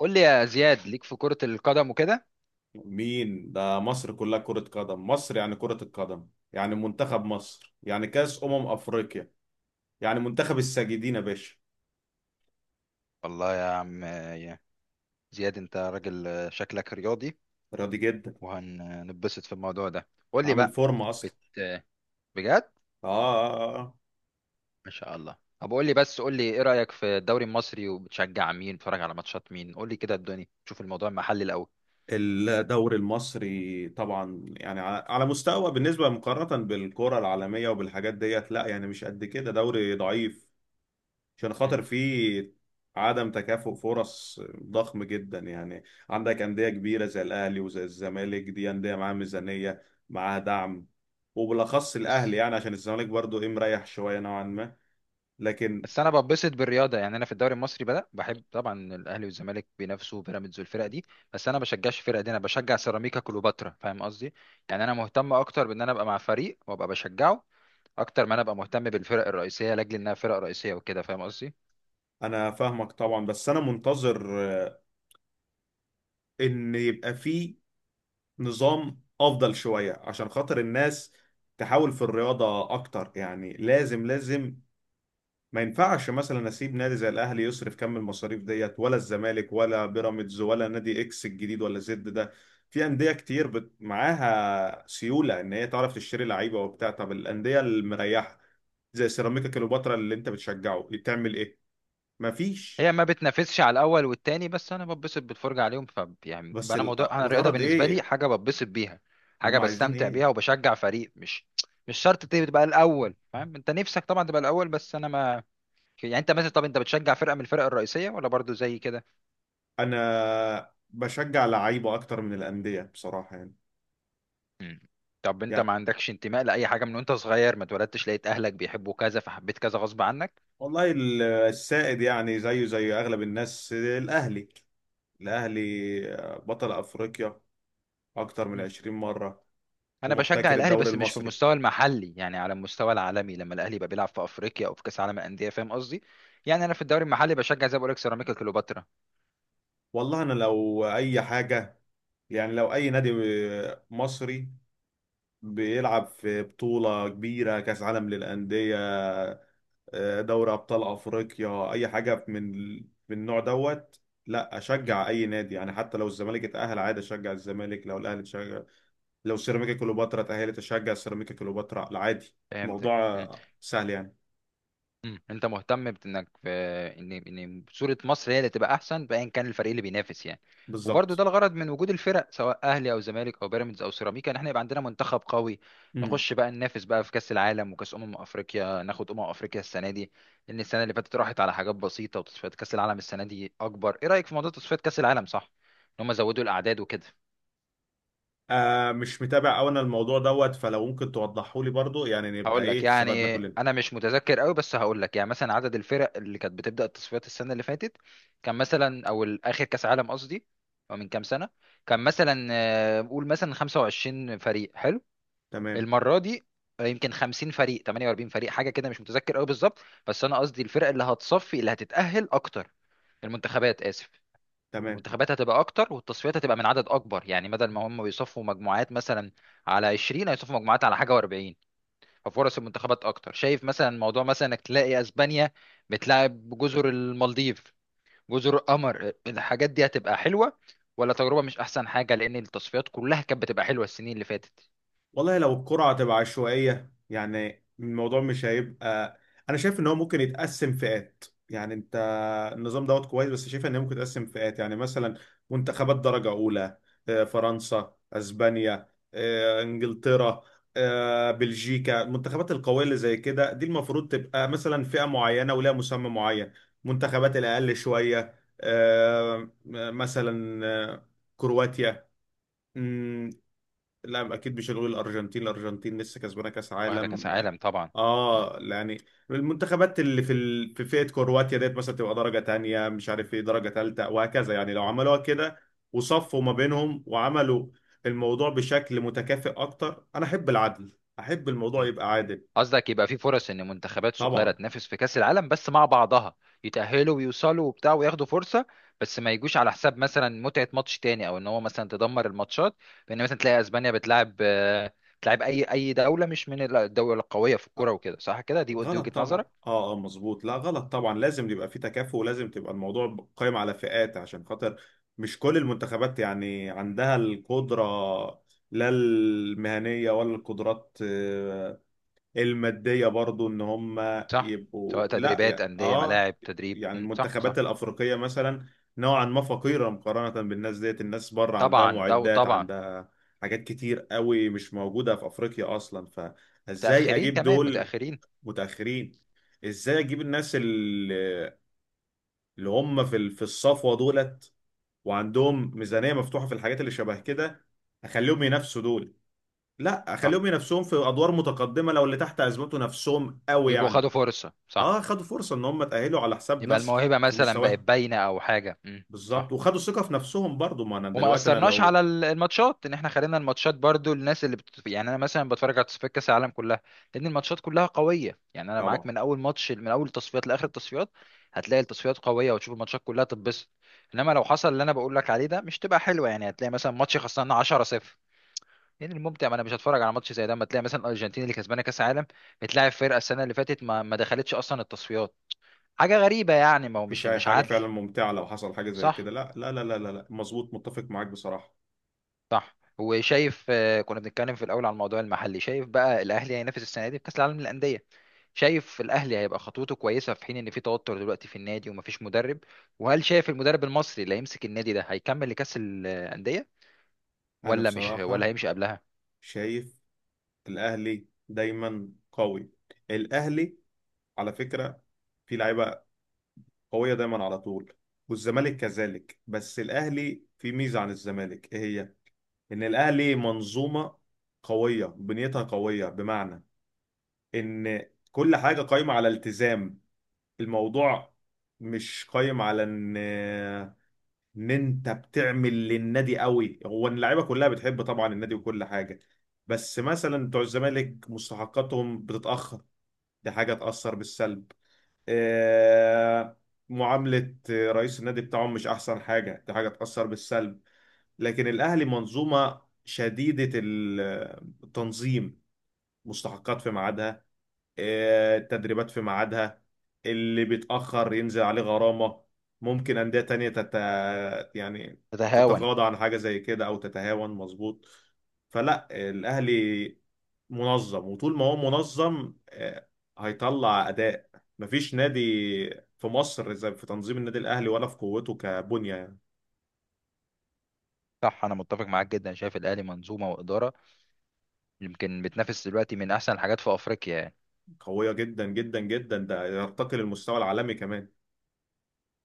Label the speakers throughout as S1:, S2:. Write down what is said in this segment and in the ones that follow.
S1: قول لي يا زياد ليك في كرة القدم وكده.
S2: مين ده؟ مصر كلها كرة قدم، مصر يعني كرة القدم، يعني منتخب مصر، يعني كأس أمم أفريقيا، يعني منتخب الساجدين يا باشا.
S1: والله يا عم يا زياد انت راجل آه، شكلك رياضي.
S2: راضي جدا.
S1: وهننبسط في الموضوع ده. قول لي
S2: عامل
S1: بقى.
S2: فورمة أصلا.
S1: بت... بجد
S2: آه.
S1: ما شاء الله. طب قول لي ايه رأيك في الدوري المصري؟ وبتشجع مين؟ بتتفرج على ماتشات مين؟ قول لي كده الدنيا، شوف الموضوع المحلي الاول.
S2: الدوري المصري طبعا، يعني على مستوى بالنسبة، مقارنة بالكرة العالمية وبالحاجات ديت، لا يعني مش قد كده، دوري ضعيف عشان
S1: مم.
S2: خاطر في عدم تكافؤ فرص ضخم جدا. يعني عندك أندية كبيرة زي الأهلي وزي الزمالك، دي أندية معاها ميزانية، معاها دعم، وبالأخص
S1: بس
S2: الأهلي، يعني عشان الزمالك برضو إيه، مريح شوية نوعا ما، لكن
S1: بس انا ببسط بالرياضه. يعني انا في الدوري المصري بدا بحب طبعا الاهلي والزمالك، بينافسوا بيراميدز والفرق دي. بس انا بشجعش الفرق دي، انا بشجع سيراميكا كليوباترا، فاهم قصدي؟ يعني انا مهتم اكتر بان انا ابقى مع فريق وابقى بشجعه، اكتر ما انا ابقى مهتم بالفرق الرئيسيه لاجل انها فرق رئيسيه وكده، فاهم قصدي؟
S2: أنا فاهمك طبعا. بس أنا منتظر، آه، إن يبقى في نظام أفضل شوية عشان خاطر الناس تحاول في الرياضة أكتر، يعني لازم ما ينفعش مثلا اسيب نادي زي الاهلي يصرف كم المصاريف ديت، ولا الزمالك ولا بيراميدز ولا نادي اكس الجديد ولا زد ده. في انديه كتير معاها سيوله، ان هي تعرف تشتري لعيبه وبتاع. طب الانديه المريحه زي سيراميكا كليوباترا اللي انت بتشجعه تعمل ايه؟ مفيش.
S1: هي ما بتنافسش على الاول والتاني، بس انا ببسط بالفرجه عليهم. ف يعني
S2: بس
S1: انا موضوع، انا الرياضه
S2: الغرض
S1: بالنسبه لي
S2: ايه؟
S1: حاجه ببسط بيها، حاجه
S2: هم عايزين
S1: بستمتع
S2: ايه؟
S1: بيها، وبشجع فريق. مش شرط تبقى الاول، فاهم؟ انت نفسك طبعا تبقى الاول، بس انا ما في. يعني انت مثلا، طب انت بتشجع فرقه من الفرق الرئيسيه ولا برضو زي كده؟
S2: انا بشجع لعيبه اكتر من الانديه بصراحه يعني.
S1: مم. طب انت
S2: يعني
S1: ما عندكش انتماء لاي حاجه، من وانت صغير ما اتولدتش لقيت اهلك بيحبوا كذا فحبيت كذا غصب عنك؟
S2: والله السائد، يعني زيه زي اغلب الناس، الاهلي. الأهلي بطل أفريقيا أكتر من
S1: مم.
S2: 20 مرة،
S1: انا بشجع
S2: ومحتكر
S1: الاهلي
S2: الدوري
S1: بس مش في
S2: المصري.
S1: المستوى المحلي، يعني على المستوى العالمي، لما الاهلي يبقى بيلعب في افريقيا او في كاس عالم الانديه، فاهم قصدي؟ يعني انا في الدوري المحلي بشجع زي ما بقول لك سيراميكا كليوباترا.
S2: والله أنا لو أي حاجة، يعني لو أي نادي مصري بيلعب في بطولة كبيرة، كأس عالم للأندية، دوري أبطال أفريقيا، أي حاجة من من النوع دوت، لا
S1: مم.
S2: أشجع أي نادي. يعني حتى لو الزمالك اتأهل عادي أشجع الزمالك، لو الأهلي تشجع، لو سيراميكا كليوباترا اتأهلت أشجع سيراميكا كليوباترا عادي.
S1: فهمتك.
S2: الموضوع سهل يعني.
S1: مم. انت مهتم بانك ان صوره مصر هي اللي تبقى احسن، بايا كان الفريق اللي بينافس يعني. وبرضه ده
S2: بالظبط.
S1: الغرض من وجود الفرق، سواء اهلي او زمالك او بيراميدز او سيراميكا، ان احنا يبقى عندنا منتخب قوي.
S2: مم.
S1: نخش بقى ننافس بقى في كاس العالم وكاس افريقيا، ناخد افريقيا السنه دي. لان السنه اللي فاتت راحت على حاجات بسيطه. وتصفيات كاس العالم السنه دي اكبر. ايه رايك في موضوع تصفيات كاس العالم؟ صح ان هم زودوا الاعداد وكده؟
S2: آه، مش متابع أوي أنا الموضوع دوت، فلو ممكن توضحه لي برضو، يعني نبقى
S1: هقول لك،
S2: إيه، استفدنا
S1: يعني
S2: كلنا.
S1: انا مش متذكر قوي، بس هقول لك. يعني مثلا عدد الفرق اللي كانت بتبدا التصفيات السنه اللي فاتت كان مثلا، او اخر كاس عالم قصدي، او من كام سنه، كان مثلا آه، قول مثلا 25 فريق، حلو.
S2: تمام.
S1: المره دي آه، يمكن 50 فريق، 48 فريق، حاجه كده مش متذكر قوي بالظبط. بس انا قصدي الفرق اللي هتصفي، اللي هتتاهل اكتر، المنتخبات، اسف،
S2: تمام.
S1: المنتخبات هتبقى اكتر، والتصفيات هتبقى من عدد اكبر. يعني بدل ما هم بيصفوا مجموعات مثلا على 20، هيصفوا مجموعات على حاجه و40. فرص المنتخبات اكتر. شايف مثلا موضوع مثلا انك تلاقي اسبانيا بتلعب جزر المالديف، جزر القمر، الحاجات دي هتبقى حلوه ولا تجربه مش احسن حاجه؟ لان التصفيات كلها كانت بتبقى حلوه السنين اللي فاتت.
S2: والله لو الكرة هتبقى عشوائية يعني الموضوع مش هيبقى. أنا شايف إن هو ممكن يتقسم فئات، يعني أنت النظام دوت كويس، بس شايف إن هي ممكن يتقسم فئات، يعني مثلا منتخبات درجة أولى، فرنسا، أسبانيا، إنجلترا، بلجيكا، المنتخبات القوية اللي زي كده دي المفروض تبقى مثلا فئة معينة ولها مسمى معين. منتخبات الأقل شوية، مثلا كرواتيا. لا اكيد مش هنقول الارجنتين، الارجنتين لسه كسبانه كاس
S1: واخده كاس
S2: عالم.
S1: عالم طبعا.
S2: اه يعني المنتخبات اللي في فئه كرواتيا ديت مثلا تبقى درجه تانية، مش عارف ايه، درجه تالتة وهكذا. يعني لو عملوها كده وصفوا ما بينهم وعملوا الموضوع بشكل متكافئ اكتر، انا احب العدل، احب الموضوع
S1: م.
S2: يبقى عادل.
S1: قصدك يبقى في فرص ان منتخبات صغيره
S2: طبعا.
S1: تنافس في كاس العالم بس مع بعضها، يتاهلوا ويوصلوا وبتاع وياخدوا فرصه، بس ما يجوش على حساب مثلا متعه ماتش تاني، او ان هو مثلا تدمر الماتشات، بان مثلا تلاقي اسبانيا بتلعب آه، بتلعب اي دوله مش من الدول القويه في الكوره وكده. صح كده؟ دي
S2: غلط
S1: وجهه
S2: طبعا،
S1: نظرك.
S2: اه اه مظبوط، لا غلط طبعا، لازم يبقى في تكافؤ ولازم تبقى الموضوع قائم على فئات عشان خاطر مش كل المنتخبات يعني عندها القدرة، لا المهنية ولا القدرات، المادية برضو، ان هم
S1: صح.
S2: يبقوا
S1: سواء
S2: لا
S1: تدريبات،
S2: يا
S1: انديه،
S2: اه.
S1: ملاعب تدريب.
S2: يعني
S1: مم، صح صح.
S2: المنتخبات الأفريقية مثلا نوعا ما فقيرة مقارنة بالناس ديت، الناس بره عندها
S1: طبعا ده
S2: معدات،
S1: طبعا.
S2: عندها حاجات كتير قوي مش موجودة في أفريقيا أصلا، ف ازاي
S1: متاخرين،
S2: اجيب
S1: كمان
S2: دول
S1: متاخرين.
S2: متأخرين؟ ازاي اجيب الناس اللي هم في الصفوة دولت وعندهم ميزانية مفتوحة في الحاجات اللي شبه كده، اخليهم ينافسوا دول؟ لا،
S1: صح.
S2: اخليهم ينافسوهم في ادوار متقدمة لو اللي تحت ازمته نفسهم قوي
S1: يبقوا خدوا
S2: يعني.
S1: فرصه، صح.
S2: اه خدوا فرصة ان هم تأهلوا على حساب
S1: يبقى
S2: ناس
S1: الموهبه
S2: في
S1: مثلا بقت
S2: مستواهم.
S1: باينه او حاجه. مم،
S2: بالظبط.
S1: صح.
S2: وخدوا ثقة في نفسهم برضو، ما انا
S1: وما
S2: دلوقتي انا
S1: اثرناش
S2: لو
S1: على الماتشات، ان احنا خلينا الماتشات برضو الناس اللي يعني انا مثلا بتفرج على تصفيات كاس العالم كلها، لان الماتشات كلها قويه. يعني انا معاك
S2: طبعا
S1: من اول ماتش، من اول التصفيات لاخر التصفيات، هتلاقي التصفيات قويه، وتشوف الماتشات كلها تتبسط. انما لو حصل اللي انا بقول لك عليه ده، مش تبقى حلوه. يعني هتلاقي مثلا ماتش خسرنا 10-0، لان الممتع، ما انا مش هتفرج على ماتش زي ده. اما تلاقي مثلا الارجنتين اللي كسبانه كاس العالم بتلاعب فرقه السنه اللي فاتت ما دخلتش اصلا التصفيات، حاجه غريبه يعني. ما هو مش
S2: مفيش اي
S1: مش
S2: حاجة
S1: عدل.
S2: فعلا ممتعة لو حصل حاجة زي كده.
S1: صح.
S2: لا. مظبوط، متفق معاك بصراحة.
S1: صح. وشايف آه، كنا بنتكلم في الاول على الموضوع المحلي، شايف بقى الاهلي هينافس السنه دي في كاس العالم للانديه، شايف الاهلي هيبقى خطوته كويسه، في حين ان في توتر دلوقتي في النادي ومفيش مدرب؟ وهل شايف المدرب المصري اللي هيمسك النادي ده هيكمل لكاس الانديه
S2: انا
S1: ولا مش، ولا
S2: بصراحة
S1: هيمشي قبلها؟
S2: شايف الاهلي دايما قوي، الاهلي على فكره في لعيبه قويه دايما على طول، والزمالك كذلك. بس الاهلي في ميزه عن الزمالك، ايه هي؟ ان الاهلي منظومه قويه، بنيتها قويه، بمعنى ان كل حاجه قايمه على التزام. الموضوع مش قايم على ان انت بتعمل للنادي قوي، هو إن اللعيبه كلها بتحب طبعا النادي وكل حاجه، بس مثلا بتوع الزمالك مستحقاتهم بتتاخر، دي حاجة تأثر بالسلب، آه، معاملة رئيس النادي بتاعهم مش أحسن حاجة، دي حاجة تأثر بالسلب. لكن الأهلي منظومة شديدة التنظيم، مستحقات في ميعادها، التدريبات في ميعادها، اللي بيتأخر ينزل عليه غرامة. ممكن أندية تانية يعني
S1: تتهاون.
S2: تتغاضى عن حاجة زي كده أو تتهاون. مظبوط. فلا، الأهلي منظم، وطول ما هو منظم هيطلع أداء. مفيش نادي في مصر زي في تنظيم النادي الأهلي، ولا في قوته كبنية يعني.
S1: صح، انا متفق معاك جدا. شايف الاهلي منظومه واداره يمكن بتنافس دلوقتي من احسن الحاجات في افريقيا.
S2: قوية جدا جدا جدا، ده يرتقي للمستوى العالمي كمان.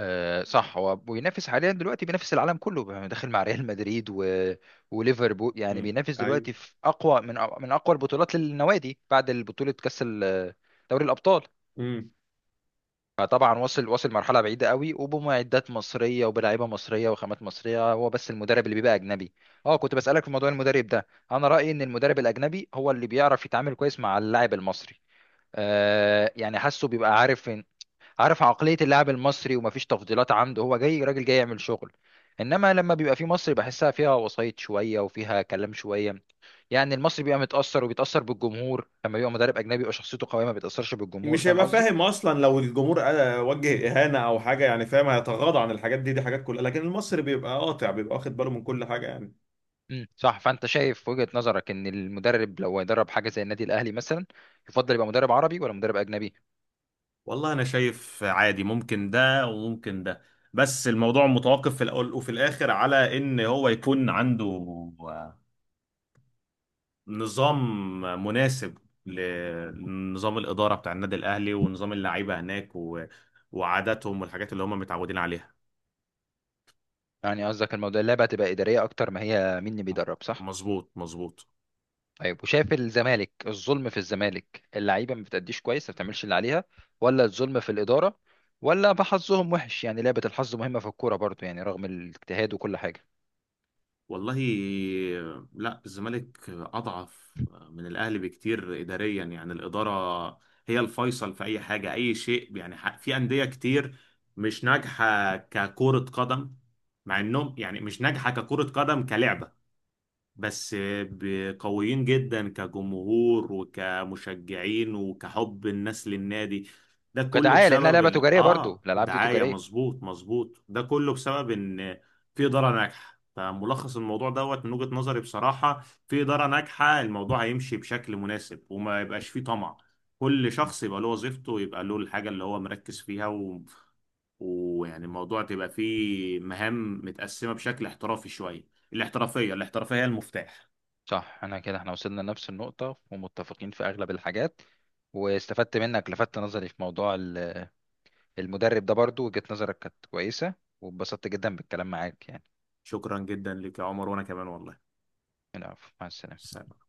S1: آه صح. هو بينافس حاليا دلوقتي، بينافس العالم كله، يعني داخل مع ريال مدريد وليفربول. يعني
S2: مم.
S1: بينافس دلوقتي في اقوى، من اقوى البطولات للنوادي، بعد البطولة كأس دوري الأبطال.
S2: أيوه.
S1: فطبعا وصل، وصل مرحلة بعيدة قوي، وبمعدات مصرية وبلاعيبة مصرية وخامات مصرية. هو بس المدرب اللي بيبقى أجنبي. اه، كنت بسألك في موضوع المدرب ده. أنا رأيي إن المدرب الأجنبي هو اللي بيعرف يتعامل كويس مع اللاعب المصري. آه يعني حاسه، بيبقى عارف عقلية اللاعب المصري، ومفيش تفضيلات عنده، هو جاي راجل جاي يعمل شغل. انما لما بيبقى في مصري بحسها، فيها وسايط شوية وفيها كلام شوية. يعني المصري بيبقى متأثر، وبيتأثر بالجمهور. لما بيبقى مدرب اجنبي بيبقى شخصيته قوية، ما بيتأثرش بالجمهور،
S2: مش
S1: فاهم
S2: هيبقى
S1: قصدي؟
S2: فاهم اصلا لو الجمهور وجه اهانه او حاجه، يعني فاهم هيتغاضى عن الحاجات دي، دي حاجات كلها، لكن المصري بيبقى قاطع، بيبقى واخد باله من كل حاجه يعني.
S1: صح. فانت شايف وجهة نظرك ان المدرب لو هيدرب حاجة زي النادي الاهلي مثلا، يفضل يبقى مدرب عربي ولا مدرب اجنبي؟
S2: والله انا شايف عادي، ممكن ده وممكن ده، بس الموضوع متوقف في الاول وفي الاخر على ان هو يكون عنده آه، نظام مناسب لنظام الاداره بتاع النادي الاهلي ونظام اللعيبه هناك و... وعاداتهم والحاجات اللي هم متعودين عليها.
S1: يعني قصدك الموضوع اللعبة هتبقى إدارية اكتر ما هي مين اللي بيدرب، صح؟
S2: مظبوط. مظبوط.
S1: طيب وشايف الزمالك، الظلم في الزمالك اللعيبه ما بتأديش كويس، ما بتعملش اللي عليها، ولا الظلم في الاداره، ولا بحظهم وحش؟ يعني لعبه الحظ مهمه في الكوره برضو، يعني رغم الاجتهاد وكل حاجه.
S2: والله لا، الزمالك أضعف من الأهلي بكتير إداريا، يعني الإدارة هي الفيصل في أي حاجة أي شيء يعني. في أندية كتير مش ناجحة ككرة قدم، مع إنهم يعني مش ناجحة ككرة قدم كلعبة، بس قويين جدا كجمهور وكمشجعين وكحب الناس للنادي. ده كله
S1: كدعايه، لانها
S2: بسبب
S1: لعبه
S2: ال...
S1: تجاريه برضو،
S2: اه
S1: الالعاب دي
S2: ودعاية.
S1: تجاريه.
S2: مظبوط مظبوط، ده كله بسبب ان في إدارة ناجحة. فملخص الموضوع دوت من وجهة نظري بصراحة، في إدارة ناجحة الموضوع هيمشي بشكل مناسب، وما يبقاش فيه طمع، كل
S1: م.
S2: شخص يبقى له وظيفته ويبقى له الحاجة اللي هو مركز فيها و... ويعني الموضوع تبقى فيه مهام متقسمة بشكل احترافي شوية. الاحترافية، الاحترافية هي المفتاح.
S1: صح. انا كده احنا وصلنا لنفس النقطه، ومتفقين في اغلب الحاجات. واستفدت منك، لفت نظري في موضوع المدرب ده. برضو وجهة نظرك كانت كويسه. واتبسطت جدا بالكلام معاك يعني.
S2: شكرا جدا لك يا عمر، وانا كمان والله.
S1: العفو، مع السلامه.
S2: سلام.